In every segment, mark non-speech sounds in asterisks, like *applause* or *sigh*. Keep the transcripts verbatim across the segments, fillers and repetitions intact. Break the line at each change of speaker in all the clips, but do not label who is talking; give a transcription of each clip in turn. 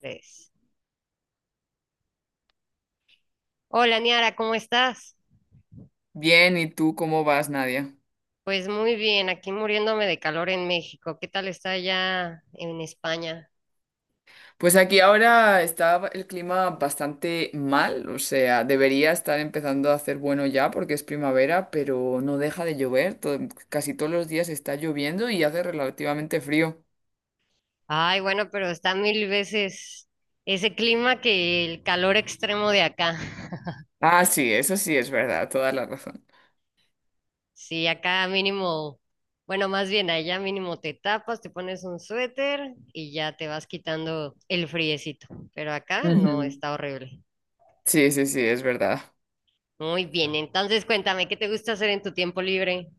Tres. Hola, Niara, ¿cómo estás?
Bien, ¿y tú cómo vas, Nadia?
Pues muy bien, aquí muriéndome de calor en México. ¿Qué tal está allá en España?
Pues aquí ahora está el clima bastante mal, o sea, debería estar empezando a hacer bueno ya porque es primavera, pero no deja de llover, todo- casi todos los días está lloviendo y hace relativamente frío.
Ay, bueno, pero está mil veces ese clima que el calor extremo de acá. *laughs*
Ah, sí, eso sí es verdad, toda la razón.
Sí, acá mínimo, bueno, más bien allá mínimo te tapas, te pones un suéter y ya te vas quitando el friecito. Pero acá no,
Ujú.
está horrible.
Sí, sí, sí, es verdad.
Muy bien, entonces cuéntame, ¿qué te gusta hacer en tu tiempo libre?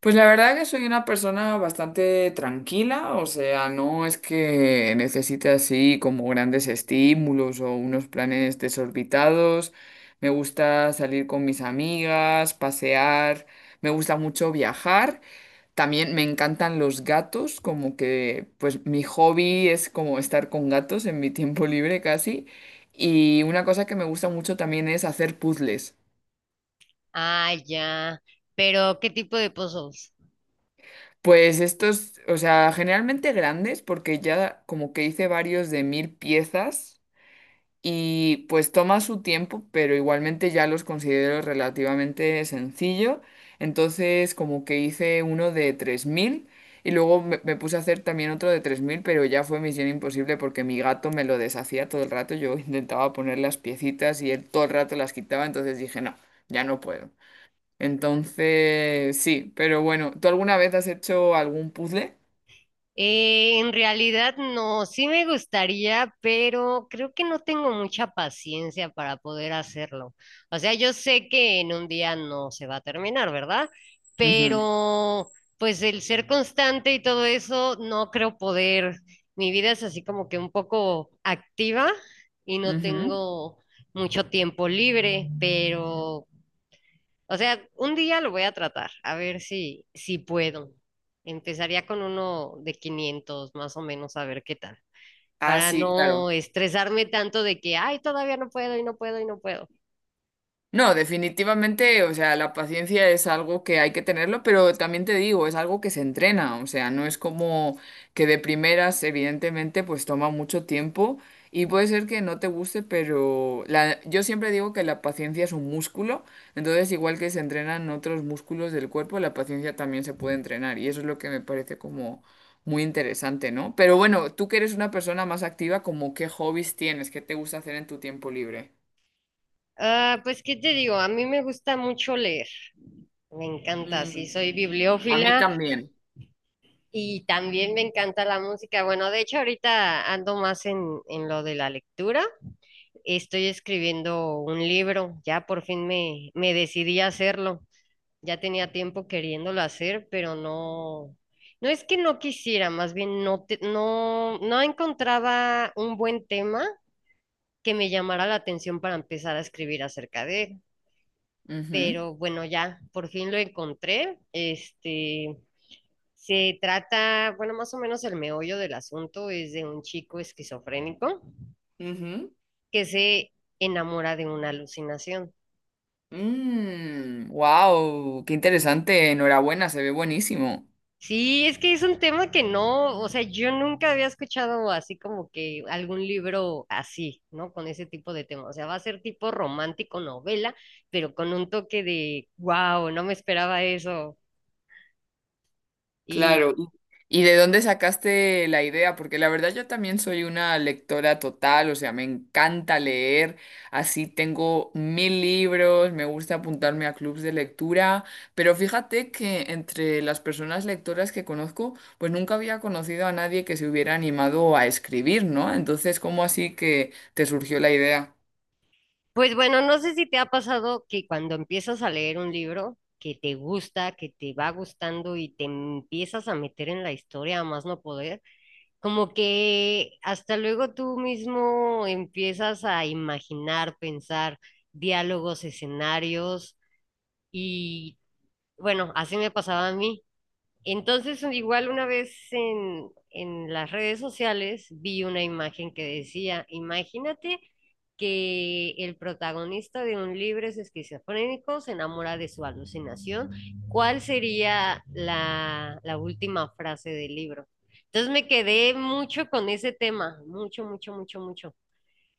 Pues la verdad que soy una persona bastante tranquila, o sea, no es que necesite así como grandes estímulos o unos planes desorbitados. Me gusta salir con mis amigas, pasear, me gusta mucho viajar. También me encantan los gatos, como que pues mi hobby es como estar con gatos en mi tiempo libre casi. Y una cosa que me gusta mucho también es hacer puzzles.
Ah, ya. Pero, ¿qué tipo de pozos?
Pues estos, o sea, generalmente grandes, porque ya como que hice varios de mil piezas y pues toma su tiempo, pero igualmente ya los considero relativamente sencillo. Entonces como que hice uno de tres mil y luego me, me puse a hacer también otro de tres mil, pero ya fue misión imposible porque mi gato me lo deshacía todo el rato. Yo *laughs* intentaba poner las piecitas y él todo el rato las quitaba, entonces dije, no, ya no puedo. Entonces, sí, pero bueno, ¿tú alguna vez has hecho algún puzzle?
Eh, en realidad no, sí me gustaría, pero creo que no tengo mucha paciencia para poder hacerlo. O sea, yo sé que en un día no se va a terminar, ¿verdad? Pero pues el ser constante y todo eso, no creo poder. Mi vida es así como que un poco activa y no
Ujú, ujú.
tengo mucho tiempo libre, pero o sea, un día lo voy a tratar, a ver si, si, puedo. Empezaría con uno de quinientos más o menos, a ver qué tal,
Ah,
para
sí,
no
claro.
estresarme tanto de que, ay, todavía no puedo y no puedo y no puedo.
No, definitivamente, o sea, la paciencia es algo que hay que tenerlo, pero también te digo, es algo que se entrena, o sea, no es como que de primeras, evidentemente, pues toma mucho tiempo y puede ser que no te guste, pero la, yo siempre digo que la paciencia es un músculo, entonces igual que se entrenan otros músculos del cuerpo, la paciencia también se puede entrenar y eso es lo que me parece como muy interesante, ¿no? Pero bueno, tú que eres una persona más activa, ¿como qué hobbies tienes, qué te gusta hacer en tu tiempo libre?
Ah, pues, ¿qué te digo? A mí me gusta mucho leer, me encanta, sí,
Mm,
soy
a mí
bibliófila
también.
y también me encanta la música. Bueno, de hecho, ahorita ando más en, en, lo de la lectura. Estoy escribiendo un libro, ya por fin me, me decidí a hacerlo. Ya tenía tiempo queriéndolo hacer, pero no, no es que no quisiera, más bien no, te- no, no encontraba un buen tema que me llamara la atención para empezar a escribir acerca de él.
Ujú.
Pero bueno, ya, por fin lo encontré. Este, se trata, bueno, más o menos el meollo del asunto es de un chico esquizofrénico
Ujú.
que se enamora de una alucinación.
Wow, qué interesante. Enhorabuena, se ve buenísimo.
Sí, es que es un tema que no, o sea, yo nunca había escuchado así como que algún libro así, ¿no? Con ese tipo de tema. O sea, va a ser tipo romántico novela, pero con un toque de, wow, no me esperaba eso. Y
Claro. y- ¿Y de dónde sacaste la idea? Porque la verdad yo también soy una lectora total, o sea, me encanta leer, así tengo mil libros, me gusta apuntarme a clubs de lectura, pero fíjate que entre las personas lectoras que conozco, pues nunca había conocido a nadie que se hubiera animado a escribir, ¿no? Entonces, ¿cómo así que te surgió la idea?
pues bueno, no sé si te ha pasado que cuando empiezas a leer un libro que te gusta, que te va gustando y te empiezas a meter en la historia a más no poder. Como que hasta luego tú mismo empiezas a imaginar, pensar diálogos, escenarios y bueno, así me pasaba a mí. Entonces, igual una vez en, en, las redes sociales vi una imagen que decía, imagínate que el protagonista de un libro es esquizofrénico, se enamora de su alucinación, ¿cuál sería la, la última frase del libro? Entonces me quedé mucho con ese tema, mucho, mucho, mucho, mucho.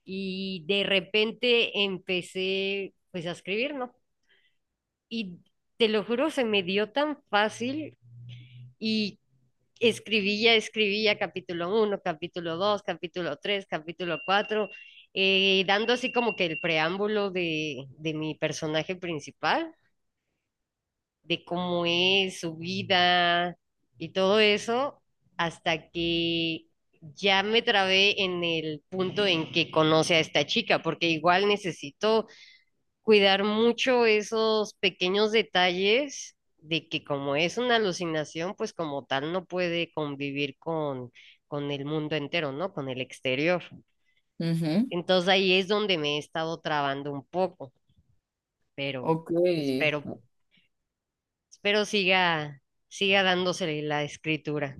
Y de repente empecé pues a escribir, ¿no? Y te lo juro, se me dio tan fácil y escribía, escribía, capítulo uno capítulo dos capítulo tres capítulo cuatro, dando así como que el preámbulo de, de mi personaje principal, de cómo es su vida y todo eso, hasta que ya me trabé en el punto en que conoce a esta chica, porque igual necesito cuidar mucho esos pequeños detalles de que como es una alucinación, pues como tal no puede convivir con, con, el mundo entero, ¿no? Con el exterior. Entonces ahí es donde me he estado trabando un poco, pero
Ok,
espero, espero, siga, siga dándose la escritura.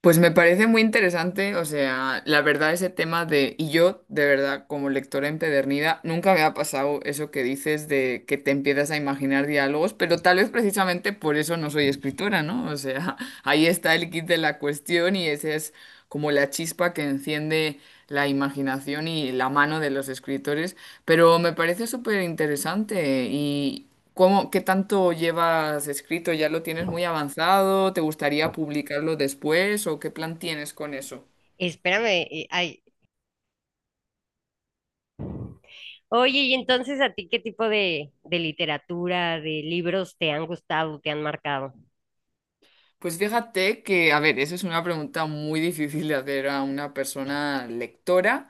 pues me parece muy interesante, o sea, la verdad ese tema de, y yo de verdad como lectora empedernida, nunca me ha pasado eso que dices de que te empiezas a imaginar diálogos, pero tal vez precisamente por eso no soy escritora, ¿no? O sea, *laughs* ahí está el kit de la cuestión y esa es como la chispa que enciende la imaginación y la mano de los escritores, pero me parece súper interesante. ¿Cómo, qué tanto llevas escrito? ¿Ya lo tienes muy avanzado? ¿Te gustaría publicarlo después? ¿O qué plan tienes con eso?
Espérame, eh, ay. Oye, y entonces a ti, ¿qué tipo de, de literatura, de libros te han gustado, te han marcado?
Pues fíjate que, a ver, esa es una pregunta muy difícil de hacer a una persona lectora.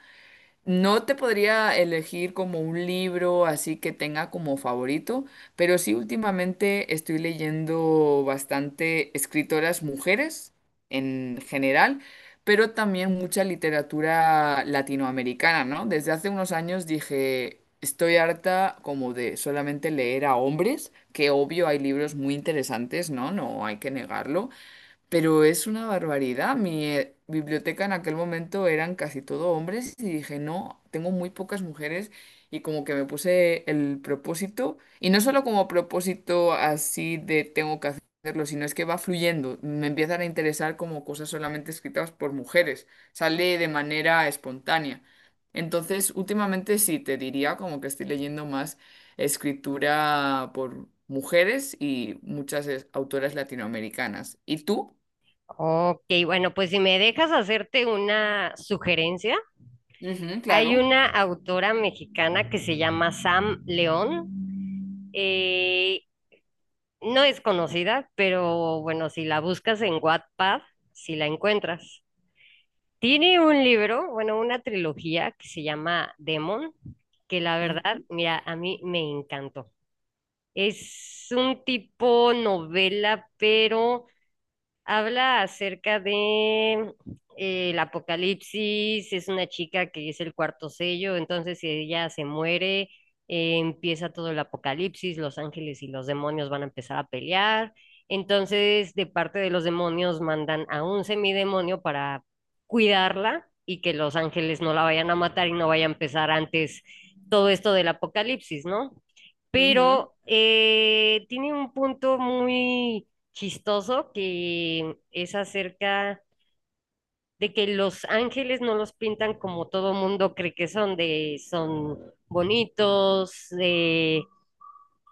No te podría elegir como un libro así que tenga como favorito, pero sí últimamente estoy leyendo bastante escritoras mujeres en general, pero también mucha literatura latinoamericana, ¿no? Desde hace unos años dije, estoy harta como de solamente leer a hombres, que obvio hay libros muy interesantes, ¿no? No hay que negarlo, pero es una barbaridad. Mi eh, biblioteca en aquel momento eran casi todo hombres y dije, no, tengo muy pocas mujeres y como que me puse el propósito y no solo como propósito así de tengo que hacerlo, sino es que va fluyendo. Me empiezan a interesar como cosas solamente escritas por mujeres. Sale de manera espontánea. Entonces, últimamente sí, te diría como que estoy leyendo más escritura por mujeres y muchas es- autoras latinoamericanas. ¿Y tú?
Ok, bueno, pues si me dejas hacerte una sugerencia,
Ujú,
hay
claro.
una autora mexicana que se llama Sam León. eh, no es conocida, pero bueno, si la buscas en Wattpad, si la encuentras. Tiene un libro, bueno, una trilogía que se llama Demon, que la verdad,
Ujú,
mira, a mí me encantó. Es un tipo novela, pero habla acerca de eh, el apocalipsis, es una chica que es el cuarto sello, entonces si ella se muere, eh, empieza todo el apocalipsis, los ángeles y los demonios van a empezar a pelear, entonces de parte de los demonios mandan a un semidemonio para cuidarla y que los ángeles no la vayan a matar y no vaya a empezar antes todo esto del apocalipsis, ¿no?
ujú.
Pero eh, tiene un punto muy chistoso que es acerca de que los ángeles no los pintan como todo mundo cree que son, de son bonitos, de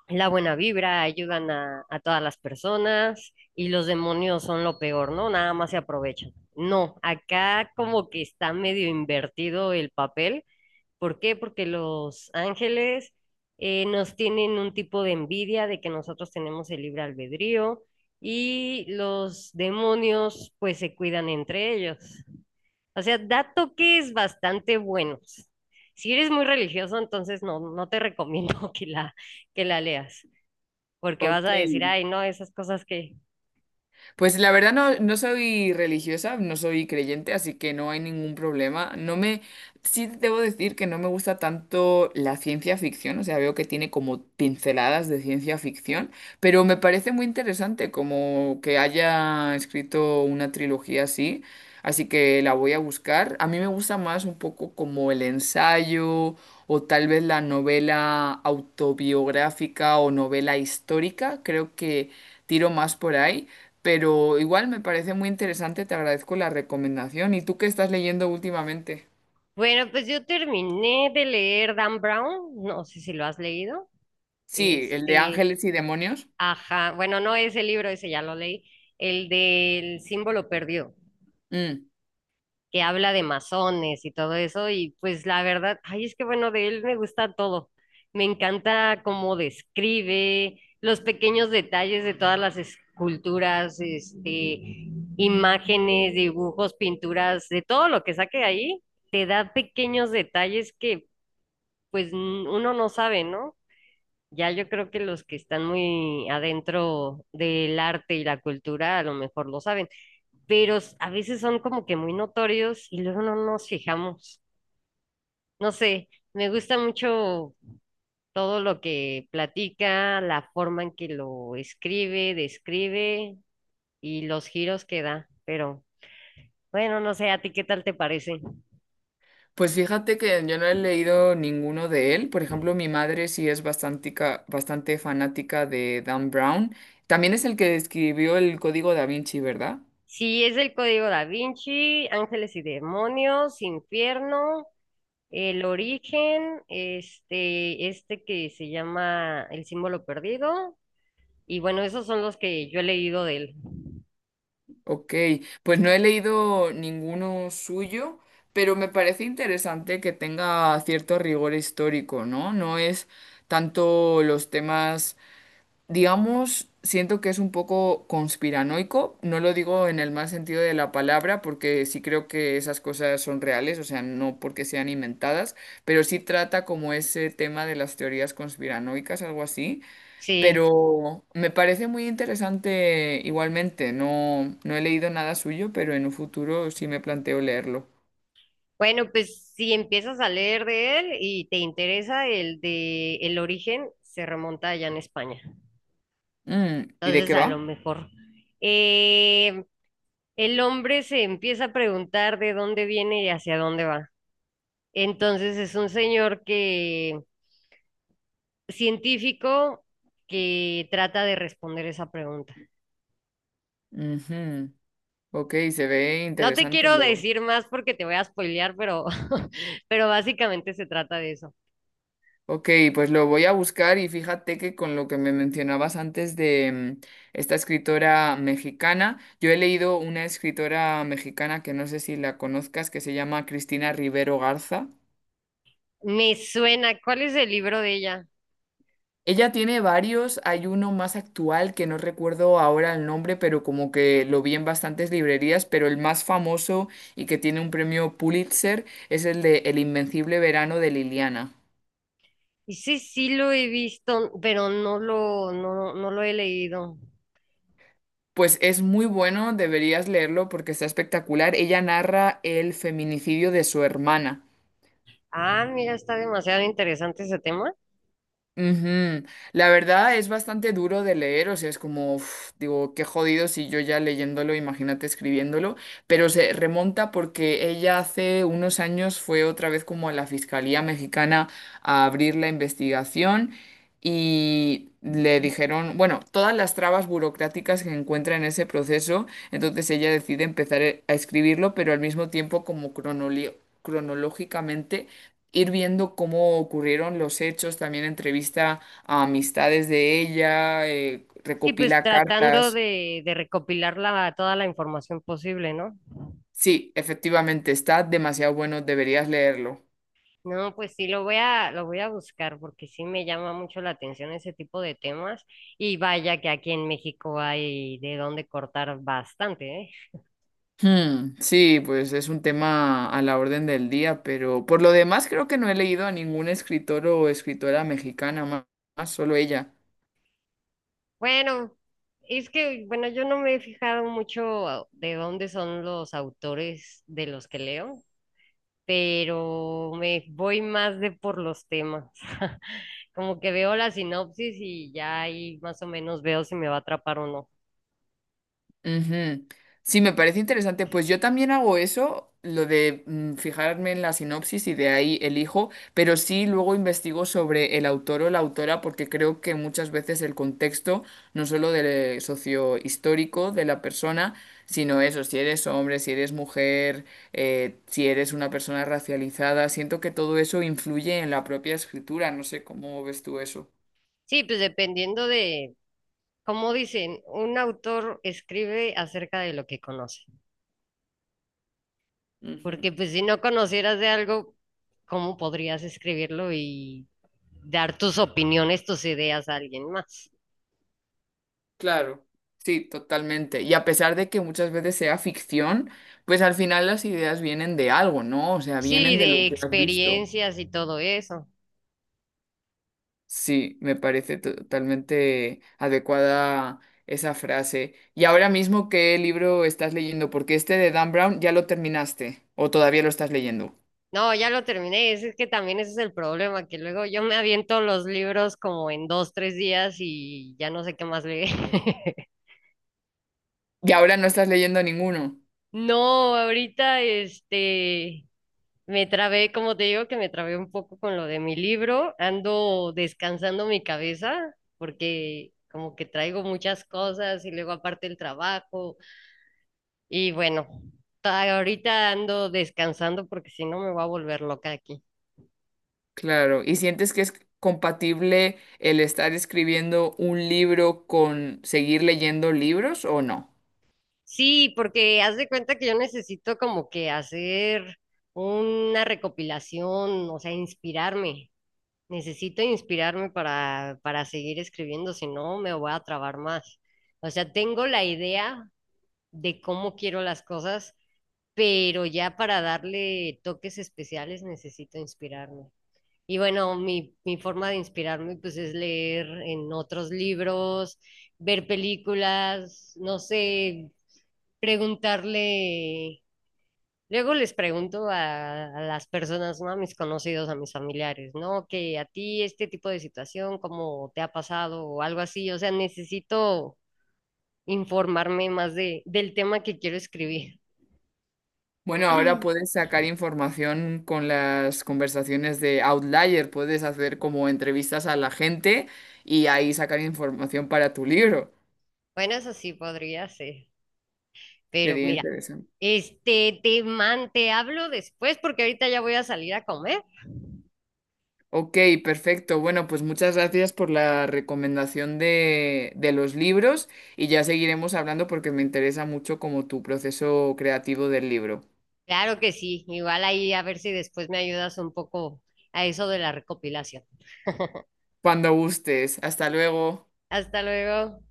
la buena vibra, ayudan a, a todas las personas y los demonios son lo peor, ¿no? Nada más se aprovechan. No, acá como que está medio invertido el papel. ¿Por qué? Porque los ángeles eh, nos tienen un tipo de envidia de que nosotros tenemos el libre albedrío y los demonios pues se cuidan entre ellos. O sea, da toques bastante buenos. Si eres muy religioso, entonces no, no, te *laughs* recomiendo que la, que la leas, porque vas
Ok.
a decir, ay, no, esas cosas que...
Pues la verdad no, no soy religiosa, no soy creyente, así que no hay ningún problema. No me, sí debo decir que no me gusta tanto la ciencia ficción, o sea, veo que tiene como pinceladas de ciencia ficción, pero me parece muy interesante como que haya escrito una trilogía así, así que la voy a buscar. A mí me gusta más un poco como el ensayo o tal vez la novela autobiográfica o novela histórica, creo que tiro más por ahí. Pero igual me parece muy interesante, te agradezco la recomendación. ¿Y tú qué estás leyendo últimamente?
Bueno, pues yo terminé de leer Dan Brown, no sé si lo has leído.
Sí, el de
Este,
Ángeles y Demonios.
Ajá, bueno, no ese libro, ese ya lo leí, el del símbolo perdido,
Mm.
que habla de masones y todo eso, y pues la verdad, ay, es que bueno, de él me gusta todo. Me encanta cómo describe los pequeños detalles de todas las esculturas, este, imágenes, dibujos, pinturas, de todo lo que saque ahí, te da pequeños detalles que pues n- uno no sabe, ¿no? Ya yo creo que los que están muy adentro del arte y la cultura a lo mejor lo saben, pero s- a veces son como que muy notorios y luego no nos fijamos. No sé, me gusta mucho todo lo que platica, la forma en que lo escribe, describe y los giros que da, pero bueno, no sé, ¿a ti qué tal te parece?
Pues fíjate que yo no he leído ninguno de él. Por ejemplo, mi madre sí es bastante, bastante fanática de Dan Brown. También es el que escribió el Código Da Vinci, ¿verdad?
Si es el Código Da Vinci, Ángeles y Demonios, Infierno. El origen, este, este que se llama El símbolo perdido. Y bueno, esos son los que yo he leído de él.
Ok, pues no he leído ninguno suyo, pero me parece interesante que tenga cierto rigor histórico, ¿no? No es tanto los temas digamos, siento que es un poco conspiranoico. No lo digo en el mal sentido de la palabra, porque sí creo que esas cosas son reales, o sea, no porque sean inventadas, pero sí trata como ese tema de las teorías conspiranoicas, algo así.
Sí.
Pero me parece muy interesante igualmente. No, no he leído nada suyo, pero en un futuro sí me planteo leerlo.
Bueno, pues si empiezas a leer de él y te interesa el de El origen, se remonta allá en España.
Mm, ¿y de
Entonces,
qué
a lo
va?
mejor. eh, el hombre se empieza a preguntar de dónde viene y hacia dónde va. Entonces, es un señor que, científico, que trata de responder esa pregunta.
Ujú. Ok, se ve
No te
interesante
quiero
luego.
decir más porque te voy a spoilear, pero, *laughs* pero básicamente se trata de eso.
Ok, pues lo voy a buscar y fíjate que con lo que me mencionabas antes de mm, esta escritora mexicana, yo he leído una escritora mexicana que no sé si la conozcas, que se llama Cristina Rivero Garza.
Me suena, ¿cuál es el libro de ella?
Ella tiene varios, hay uno más actual que no recuerdo ahora el nombre, pero como que lo vi en bastantes librerías, pero el más famoso y que tiene un premio Pulitzer es el de El Invencible Verano de Liliana.
Y sí, sí lo he visto, pero no lo, no, no lo he leído.
Pues es muy bueno, deberías leerlo porque está espectacular. Ella narra el feminicidio de su hermana.
Ah, mira, está demasiado interesante ese tema.
Ujú. La verdad es bastante duro de leer, o sea, es como, uf, digo, qué jodido si yo ya leyéndolo, imagínate escribiéndolo, pero se remonta porque ella hace unos años fue otra vez como a la Fiscalía Mexicana a abrir la investigación y le dijeron, bueno, todas las trabas burocráticas que encuentra en ese proceso, entonces ella decide empezar e- a escribirlo, pero al mismo tiempo como cronoli- cronológicamente ir viendo cómo ocurrieron los hechos, también entrevista a amistades de ella, eh,
Sí, pues
recopila
tratando
cartas.
de, de recopilar la- toda la información posible, ¿no?
Sí, efectivamente, está demasiado bueno, deberías leerlo.
No, pues sí, lo voy a, lo voy a buscar porque sí me llama mucho la atención ese tipo de temas. Y vaya que aquí en México hay de dónde cortar bastante, ¿eh?
Hmm, sí, pues es un tema a la orden del día, pero por lo demás creo que no he leído a ningún escritor o escritora mexicana ma- más, solo ella.
Bueno, es que, bueno, yo no me he fijado mucho a- de dónde son los autores de los que leo, pero me voy más de por los temas. *laughs* Como que veo la sinopsis y ya ahí más o menos veo si me va a atrapar o no.
Ujú. Sí, me parece interesante. Pues yo también hago eso, lo de mm, fijarme en la sinopsis y de ahí elijo, pero sí luego investigo sobre el autor o la autora porque creo que muchas veces el contexto, no solo del sociohistórico de la persona, sino eso, si eres hombre, si eres mujer, eh, si eres una persona racializada, siento que todo eso influye en la propia escritura. No sé cómo ves tú eso.
Sí, pues dependiendo de, como dicen, un autor escribe acerca de lo que conoce,
Ujú.
porque pues si no conocieras de algo, ¿cómo podrías escribirlo y dar tus opiniones, tus ideas a alguien más?
Claro, sí, totalmente. Y a pesar de que muchas veces sea ficción, pues al final las ideas vienen de algo, ¿no? O sea,
Sí,
vienen de lo
de
que has visto.
experiencias y todo eso.
Sí, me parece to- totalmente adecuada esa frase. Y ahora mismo, ¿qué libro estás leyendo? Porque este de Dan Brown ya lo terminaste o todavía lo estás leyendo.
No, ya lo terminé. Es, es que también ese es el problema, que luego yo me aviento los libros como en dos, tres días y ya no sé qué más leer. *laughs*
Y ahora no estás leyendo ninguno.
No, ahorita este me trabé, como te digo, que me trabé un poco con lo de mi libro. Ando descansando mi cabeza porque como que traigo muchas cosas y luego aparte el trabajo y bueno, ta- ahorita ando descansando porque si no me voy a volver loca aquí.
Claro, ¿y sientes que es compatible el estar escribiendo un libro con seguir leyendo libros o no?
Sí, porque haz de cuenta que yo necesito como que hacer una recopilación, o sea, inspirarme. Necesito inspirarme para, para, seguir escribiendo, si no me voy a trabar más. O sea, tengo la idea de cómo quiero las cosas, pero ya para darle toques especiales necesito inspirarme. Y bueno, mi, mi, forma de inspirarme pues es leer en otros libros, ver películas, no sé preguntarle, luego les pregunto a, a las personas, ¿no? A mis conocidos, a mis familiares, ¿no? Que a ti este tipo de situación, ¿cómo te ha pasado o algo así? O sea, necesito informarme más de, del tema que quiero escribir. *laughs*
Bueno, ahora puedes sacar información con las conversaciones de Outlier, puedes hacer como entrevistas a la gente y ahí sacar información para tu libro.
Bueno, eso sí podría ser, pero
Sería
mira,
interesante.
este, te man, te hablo después porque ahorita ya voy a salir a comer.
Ok, perfecto. Bueno, pues muchas gracias por la recomendación de, de, los libros y ya seguiremos hablando porque me interesa mucho como tu proceso creativo del libro.
Claro que sí, igual ahí a ver si después me ayudas un poco a eso de la recopilación. *laughs*
Cuando gustes. Hasta luego.
Hasta luego.